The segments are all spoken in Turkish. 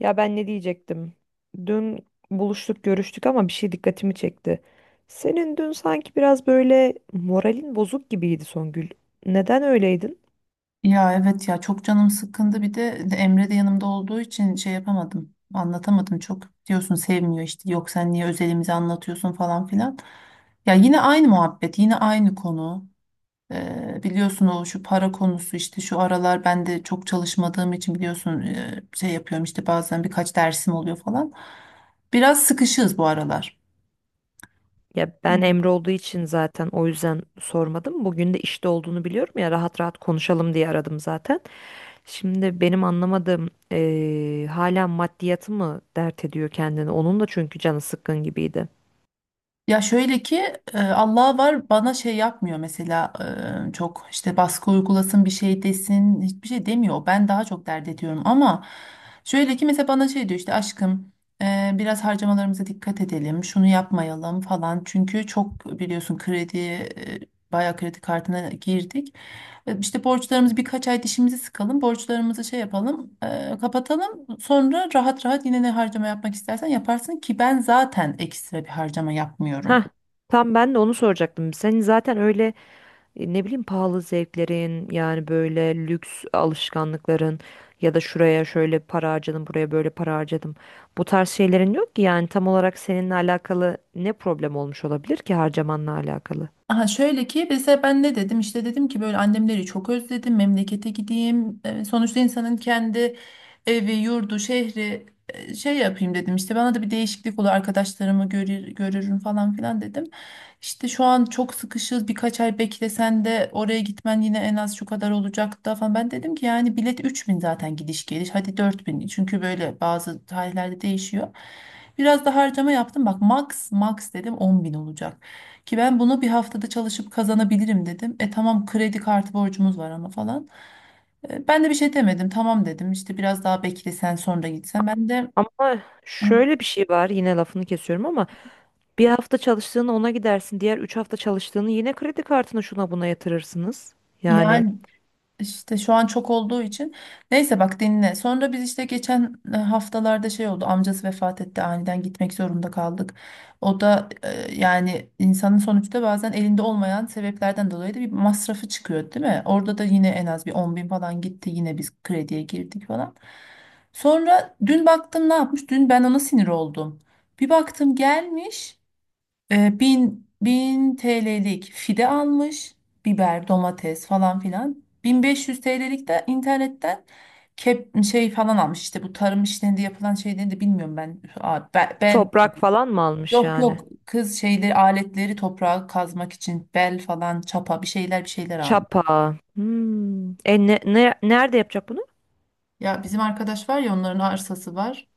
Ya ben ne diyecektim? Dün buluştuk, görüştük ama bir şey dikkatimi çekti. Senin dün sanki biraz böyle moralin bozuk gibiydi Songül. Neden öyleydin? Ya evet, ya çok canım sıkkındı. Bir de Emre de yanımda olduğu için şey yapamadım, anlatamadım. "Çok diyorsun, sevmiyor işte, yok sen niye özelimizi anlatıyorsun" falan filan. Ya yine aynı muhabbet, yine aynı konu. Biliyorsun, o şu para konusu. İşte şu aralar ben de çok çalışmadığım için, biliyorsun, şey yapıyorum işte, bazen birkaç dersim oluyor falan. Biraz sıkışığız bu aralar. Ya ben Emre olduğu için zaten o yüzden sormadım. Bugün de işte olduğunu biliyorum ya rahat rahat konuşalım diye aradım zaten. Şimdi benim anlamadığım hala maddiyatı mı dert ediyor kendini? Onun da çünkü canı sıkkın gibiydi. Ya şöyle ki, Allah var, bana şey yapmıyor mesela, çok işte baskı uygulasın, bir şey desin, hiçbir şey demiyor. Ben daha çok dert ediyorum. Ama şöyle ki, mesela bana şey diyor işte: "Aşkım, biraz harcamalarımıza dikkat edelim, şunu yapmayalım" falan. Çünkü çok biliyorsun, kredi, bayağı kredi kartına girdik. İşte borçlarımız, birkaç ay dişimizi sıkalım, borçlarımızı şey yapalım, kapatalım. Sonra rahat rahat yine ne harcama yapmak istersen yaparsın. Ki ben zaten ekstra bir harcama yapmıyorum. Hah, tam ben de onu soracaktım. Senin zaten öyle ne bileyim pahalı zevklerin yani böyle lüks alışkanlıkların ya da şuraya şöyle para harcadım buraya böyle para harcadım. Bu tarz şeylerin yok ki yani tam olarak seninle alakalı ne problem olmuş olabilir ki harcamanla alakalı. Aha, şöyle ki mesela, ben ne dedim işte, dedim ki böyle annemleri çok özledim, memlekete gideyim. Sonuçta insanın kendi evi, yurdu, şehri, şey yapayım dedim işte, bana da bir değişiklik olur, arkadaşlarımı görürüm falan filan dedim. "İşte şu an çok sıkışız, birkaç ay beklesen de oraya gitmen yine en az şu kadar olacak" da falan. Ben dedim ki yani bilet 3000 zaten gidiş geliş, hadi 4000, çünkü böyle bazı tarihlerde değişiyor. Biraz da harcama yaptım bak, max dedim, 10000 olacak. Ki ben bunu bir haftada çalışıp kazanabilirim dedim. E tamam, kredi kartı borcumuz var ama falan. Ben de bir şey demedim, tamam dedim. İşte biraz daha bekle, sen sonra gitsen. Ben de Ama şöyle bir şey var yine lafını kesiyorum ama bir hafta çalıştığını ona gidersin diğer 3 hafta çalıştığını yine kredi kartına şuna buna yatırırsınız. Yani yani, İşte şu an çok olduğu için. Neyse, bak dinle. Sonra biz işte geçen haftalarda şey oldu, amcası vefat etti. Aniden gitmek zorunda kaldık. O da, yani insanın sonuçta bazen elinde olmayan sebeplerden dolayı da bir masrafı çıkıyor, değil mi? Orada da yine en az bir 10000 falan gitti, yine biz krediye girdik falan. Sonra dün baktım, ne yapmış? Dün ben ona sinir oldum. Bir baktım, gelmiş, bin TL'lik fide almış. Biber, domates falan filan. 1500 TL'lik de internetten kep, şey falan almış. İşte bu tarım işlerinde yapılan şeyleri de bilmiyorum ben. Bel, toprak falan mı almış yok yani? yok kız, şeyleri, aletleri, toprağa kazmak için bel falan, çapa, bir şeyler almış. Çapa. Hmm. Nerede yapacak bunu? Ya bizim arkadaş var ya, onların arsası var.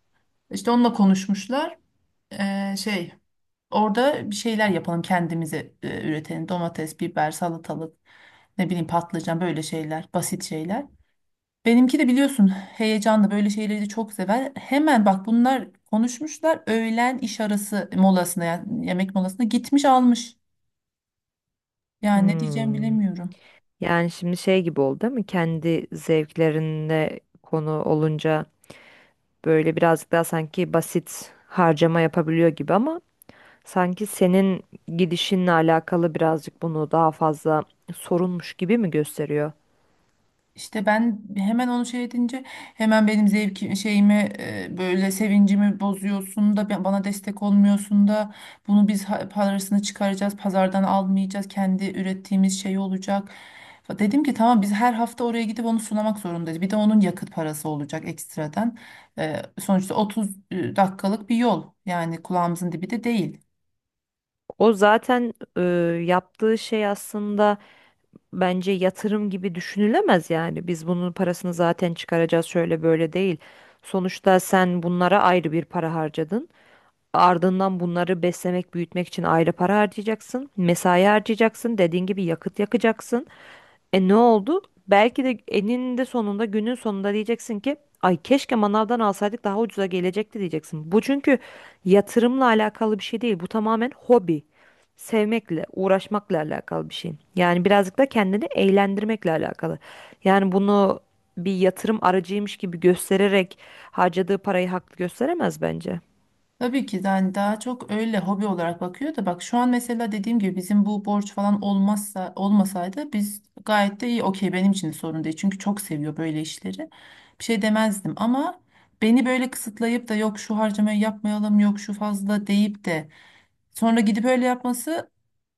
İşte onunla konuşmuşlar. Ee, şey Orada bir şeyler yapalım kendimize, üretelim: domates, biber, salatalık, ne bileyim patlıcan, böyle şeyler, basit şeyler. Benimki de biliyorsun, heyecanlı, böyle şeyleri de çok sever. Hemen bak, bunlar konuşmuşlar, öğlen iş arası molasına, yani yemek molasına gitmiş almış. Yani ne diyeceğimi Hmm. bilemiyorum. Yani şimdi şey gibi oldu değil mi? Kendi zevklerinde konu olunca böyle birazcık daha sanki basit harcama yapabiliyor gibi ama sanki senin gidişinle alakalı birazcık bunu daha fazla sorunmuş gibi mi gösteriyor? İşte ben hemen onu şey edince, hemen "benim zevki şeyimi, böyle sevincimi bozuyorsun da, bana destek olmuyorsun da, bunu biz parasını çıkaracağız, pazardan almayacağız, kendi ürettiğimiz şey olacak." Dedim ki tamam, biz her hafta oraya gidip onu sunamak zorundayız. Bir de onun yakıt parası olacak ekstradan. Sonuçta 30 dakikalık bir yol, yani kulağımızın dibi de değil. O zaten yaptığı şey aslında bence yatırım gibi düşünülemez yani. Biz bunun parasını zaten çıkaracağız şöyle böyle değil. Sonuçta sen bunlara ayrı bir para harcadın. Ardından bunları beslemek, büyütmek için ayrı para harcayacaksın. Mesai harcayacaksın. Dediğin gibi yakıt yakacaksın. E ne oldu? Belki de eninde sonunda günün sonunda diyeceksin ki ay keşke manavdan alsaydık daha ucuza gelecekti diyeceksin. Bu çünkü yatırımla alakalı bir şey değil. Bu tamamen hobi. Sevmekle, uğraşmakla alakalı bir şey. Yani birazcık da kendini eğlendirmekle alakalı. Yani bunu bir yatırım aracıymış gibi göstererek harcadığı parayı haklı gösteremez bence. Tabii ki yani daha çok öyle hobi olarak bakıyor. Da bak şu an mesela, dediğim gibi bizim bu borç falan olmazsa, olmasaydı biz gayet de iyi, okey, benim için de sorun değil, çünkü çok seviyor böyle işleri. Bir şey demezdim, ama beni böyle kısıtlayıp da "yok şu harcamayı yapmayalım, yok şu fazla" deyip de sonra gidip öyle yapması,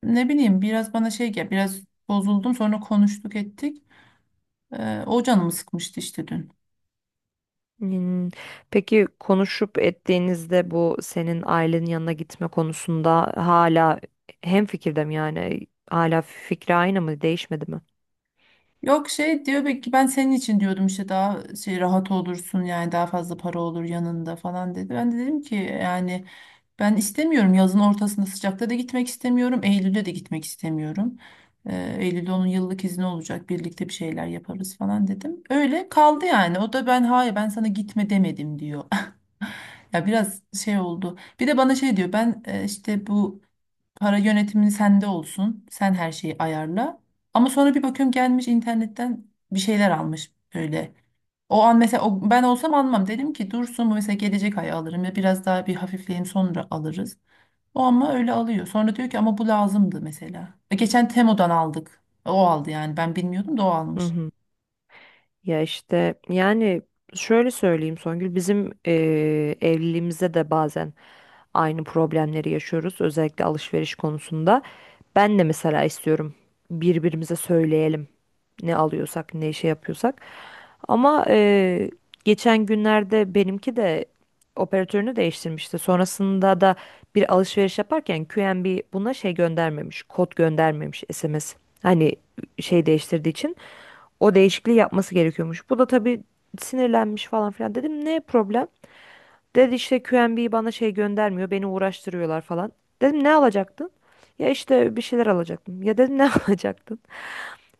ne bileyim, biraz bana şey gel, biraz bozuldum. Sonra konuştuk ettik. O canımı sıkmıştı işte dün. Hmm, peki konuşup ettiğinizde bu senin ailenin yanına gitme konusunda hala hemfikirde mi yani? Hala fikri aynı mı? Değişmedi mi? Yok, şey diyor, "belki ben senin için diyordum, işte daha şey rahat olursun, yani daha fazla para olur yanında" falan dedi. Ben de dedim ki yani ben istemiyorum, yazın ortasında sıcakta da gitmek istemiyorum, Eylül'de de gitmek istemiyorum. Eylül'de onun yıllık izni olacak, birlikte bir şeyler yaparız falan dedim. Öyle kaldı yani. O da "ben hayır, ben sana gitme demedim" diyor. Ya biraz şey oldu. Bir de bana şey diyor: "Ben, işte bu para yönetimini sende olsun, sen her şeyi ayarla." Ama sonra bir bakıyorum, gelmiş internetten bir şeyler almış böyle. O an mesela, ben olsam almam. Dedim ki dursun bu mesela, gelecek ay alırım, ya biraz daha bir hafifleyeyim, sonra alırız. O ama öyle alıyor. Sonra diyor ki "ama bu lazımdı mesela. Geçen Temo'dan aldık, o aldı, yani ben bilmiyordum da o Hı almış." hı. Ya işte yani şöyle söyleyeyim Songül, bizim evliliğimizde de bazen aynı problemleri yaşıyoruz, özellikle alışveriş konusunda. Ben de mesela istiyorum birbirimize söyleyelim ne alıyorsak ne şey yapıyorsak. Ama geçen günlerde benimki de operatörünü değiştirmişti. Sonrasında da bir alışveriş yaparken QNB buna şey göndermemiş, kod göndermemiş SMS. Hani şey değiştirdiği için. O değişikliği yapması gerekiyormuş. Bu da tabii sinirlenmiş falan filan. Dedim ne problem? Dedi işte QNB bana şey göndermiyor. Beni uğraştırıyorlar falan. Dedim ne alacaktın? Ya işte bir şeyler alacaktım. Ya dedim ne alacaktın?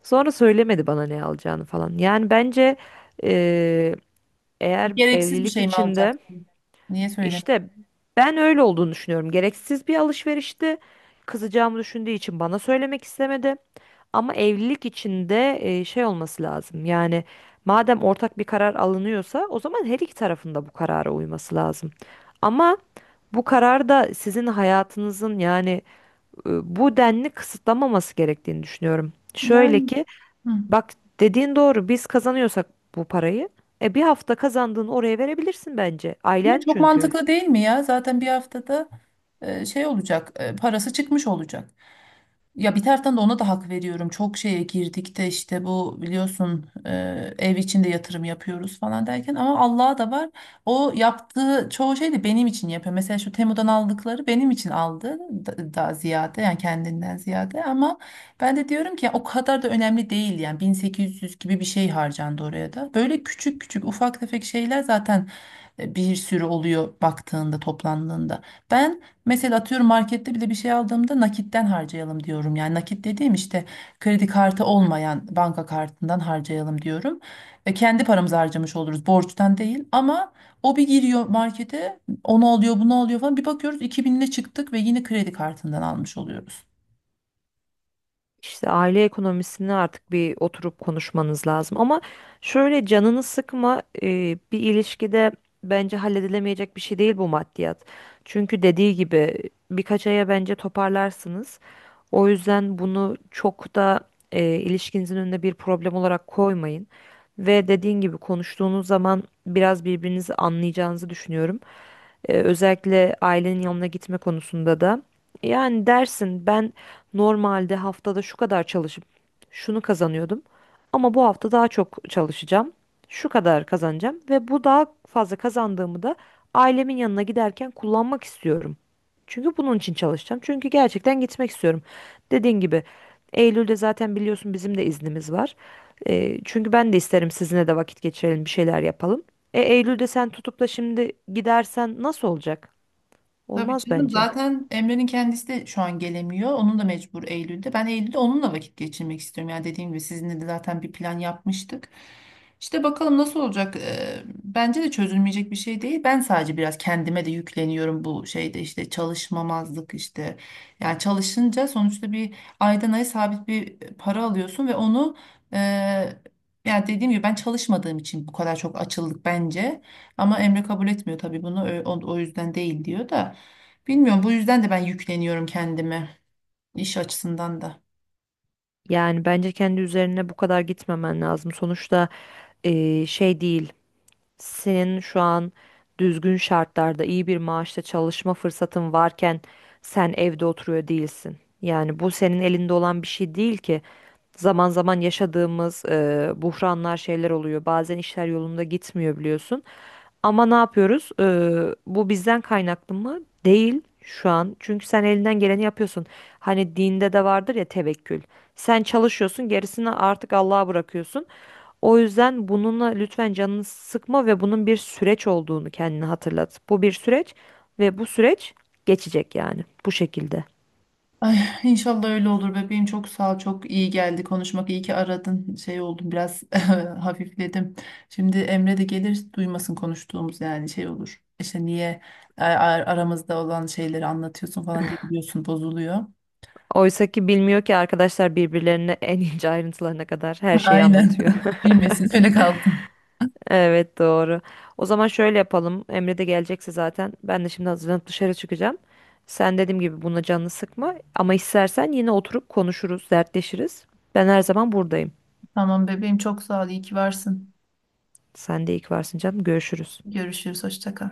Sonra söylemedi bana ne alacağını falan. Yani bence eee, eğer Gereksiz bir evlilik şey mi içinde alacaksın? Niye söylemedim? işte ben öyle olduğunu düşünüyorum. Gereksiz bir alışverişti. Kızacağımı düşündüğü için bana söylemek istemedi. Ama evlilik içinde şey olması lazım. Yani madem ortak bir karar alınıyorsa o zaman her iki tarafın da bu karara uyması lazım. Ama bu karar da sizin hayatınızın yani e, bu denli kısıtlamaması gerektiğini düşünüyorum. Şöyle Yani, ki hı. bak, dediğin doğru, biz kazanıyorsak bu parayı e bir hafta kazandığını oraya verebilirsin bence. Şimdi Ailen çok çünkü. mantıklı değil mi ya? Zaten bir haftada, şey olacak, parası çıkmış olacak. Ya bir taraftan da ona da hak veriyorum. Çok şeye girdik de, işte bu biliyorsun, ev içinde yatırım yapıyoruz falan derken, ama Allah'a da var. O yaptığı çoğu şey de benim için yapıyor. Mesela şu Temu'dan aldıkları benim için aldı daha ziyade, yani kendinden ziyade. Ama ben de diyorum ki ya, o kadar da önemli değil, yani 1800 gibi bir şey harcandı oraya da. Böyle küçük küçük, ufak tefek şeyler zaten bir sürü oluyor baktığında, toplandığında. Ben, mesela atıyorum, markette bile bir şey aldığımda nakitten harcayalım diyorum. Yani nakit dediğim işte kredi kartı olmayan banka kartından harcayalım diyorum. Kendi paramızı harcamış oluruz, borçtan değil. Ama o bir giriyor markete, onu alıyor, bunu alıyor falan, bir bakıyoruz 2000 ile çıktık ve yine kredi kartından almış oluyoruz. İşte aile ekonomisini artık bir oturup konuşmanız lazım. Ama şöyle canını sıkma, bir ilişkide bence halledilemeyecek bir şey değil bu maddiyat. Çünkü dediği gibi birkaç aya bence toparlarsınız. O yüzden bunu çok da ilişkinizin önüne bir problem olarak koymayın. Ve dediğin gibi konuştuğunuz zaman biraz birbirinizi anlayacağınızı düşünüyorum. Özellikle ailenin yanına gitme konusunda da. Yani dersin ben normalde haftada şu kadar çalışıp şunu kazanıyordum. Ama bu hafta daha çok çalışacağım. Şu kadar kazanacağım ve bu daha fazla kazandığımı da ailemin yanına giderken kullanmak istiyorum. Çünkü bunun için çalışacağım. Çünkü gerçekten gitmek istiyorum. Dediğin gibi Eylül'de zaten biliyorsun bizim de iznimiz var. Çünkü ben de isterim sizinle de vakit geçirelim, bir şeyler yapalım. E Eylül'de sen tutup da şimdi gidersen nasıl olacak? Tabii Olmaz canım, bence. zaten Emre'nin kendisi de şu an gelemiyor. Onun da mecbur, Eylül'de. Ben Eylül'de onunla vakit geçirmek istiyorum. Yani dediğim gibi, sizinle de zaten bir plan yapmıştık. İşte bakalım nasıl olacak. Bence de çözülmeyecek bir şey değil. Ben sadece biraz kendime de yükleniyorum bu şeyde, işte çalışmamazlık işte. Yani çalışınca sonuçta bir aydan aya sabit bir para alıyorsun ve onu, e, yani dediğim gibi, ben çalışmadığım için bu kadar çok açıldık bence. Ama Emre kabul etmiyor tabii bunu. O yüzden değil diyor da. Bilmiyorum, bu yüzden de ben yükleniyorum kendime, iş açısından da. Yani bence kendi üzerine bu kadar gitmemen lazım. Sonuçta şey değil. Senin şu an düzgün şartlarda iyi bir maaşta çalışma fırsatın varken sen evde oturuyor değilsin. Yani bu senin elinde olan bir şey değil ki. Zaman zaman yaşadığımız buhranlar şeyler oluyor. Bazen işler yolunda gitmiyor biliyorsun. Ama ne yapıyoruz? Bu bizden kaynaklı mı? Değil şu an. Çünkü sen elinden geleni yapıyorsun. Hani dinde de vardır ya tevekkül. Sen çalışıyorsun, gerisini artık Allah'a bırakıyorsun. O yüzden bununla lütfen canını sıkma ve bunun bir süreç olduğunu kendine hatırlat. Bu bir süreç ve bu süreç geçecek yani bu şekilde. Ay, inşallah öyle olur bebeğim, çok sağ ol, çok iyi geldi konuşmak, iyi ki aradın, şey oldum biraz hafifledim. Şimdi Emre de gelir, duymasın konuştuğumuz, yani şey olur. İşte "niye a- a- aramızda olan şeyleri anlatıyorsun" falan diye, biliyorsun, bozuluyor. Oysa ki bilmiyor ki arkadaşlar birbirlerine en ince ayrıntılarına kadar her şeyi Aynen, anlatıyor. bilmesin, öyle kalsın. Evet, doğru. O zaman şöyle yapalım. Emre de gelecekse zaten ben de şimdi hazırlanıp dışarı çıkacağım. Sen dediğim gibi buna canını sıkma ama istersen yine oturup konuşuruz, dertleşiriz. Ben her zaman buradayım. Tamam bebeğim, çok sağ ol, iyi ki varsın. Sen de iyi ki varsın canım. Görüşürüz. Görüşürüz, hoşça kal.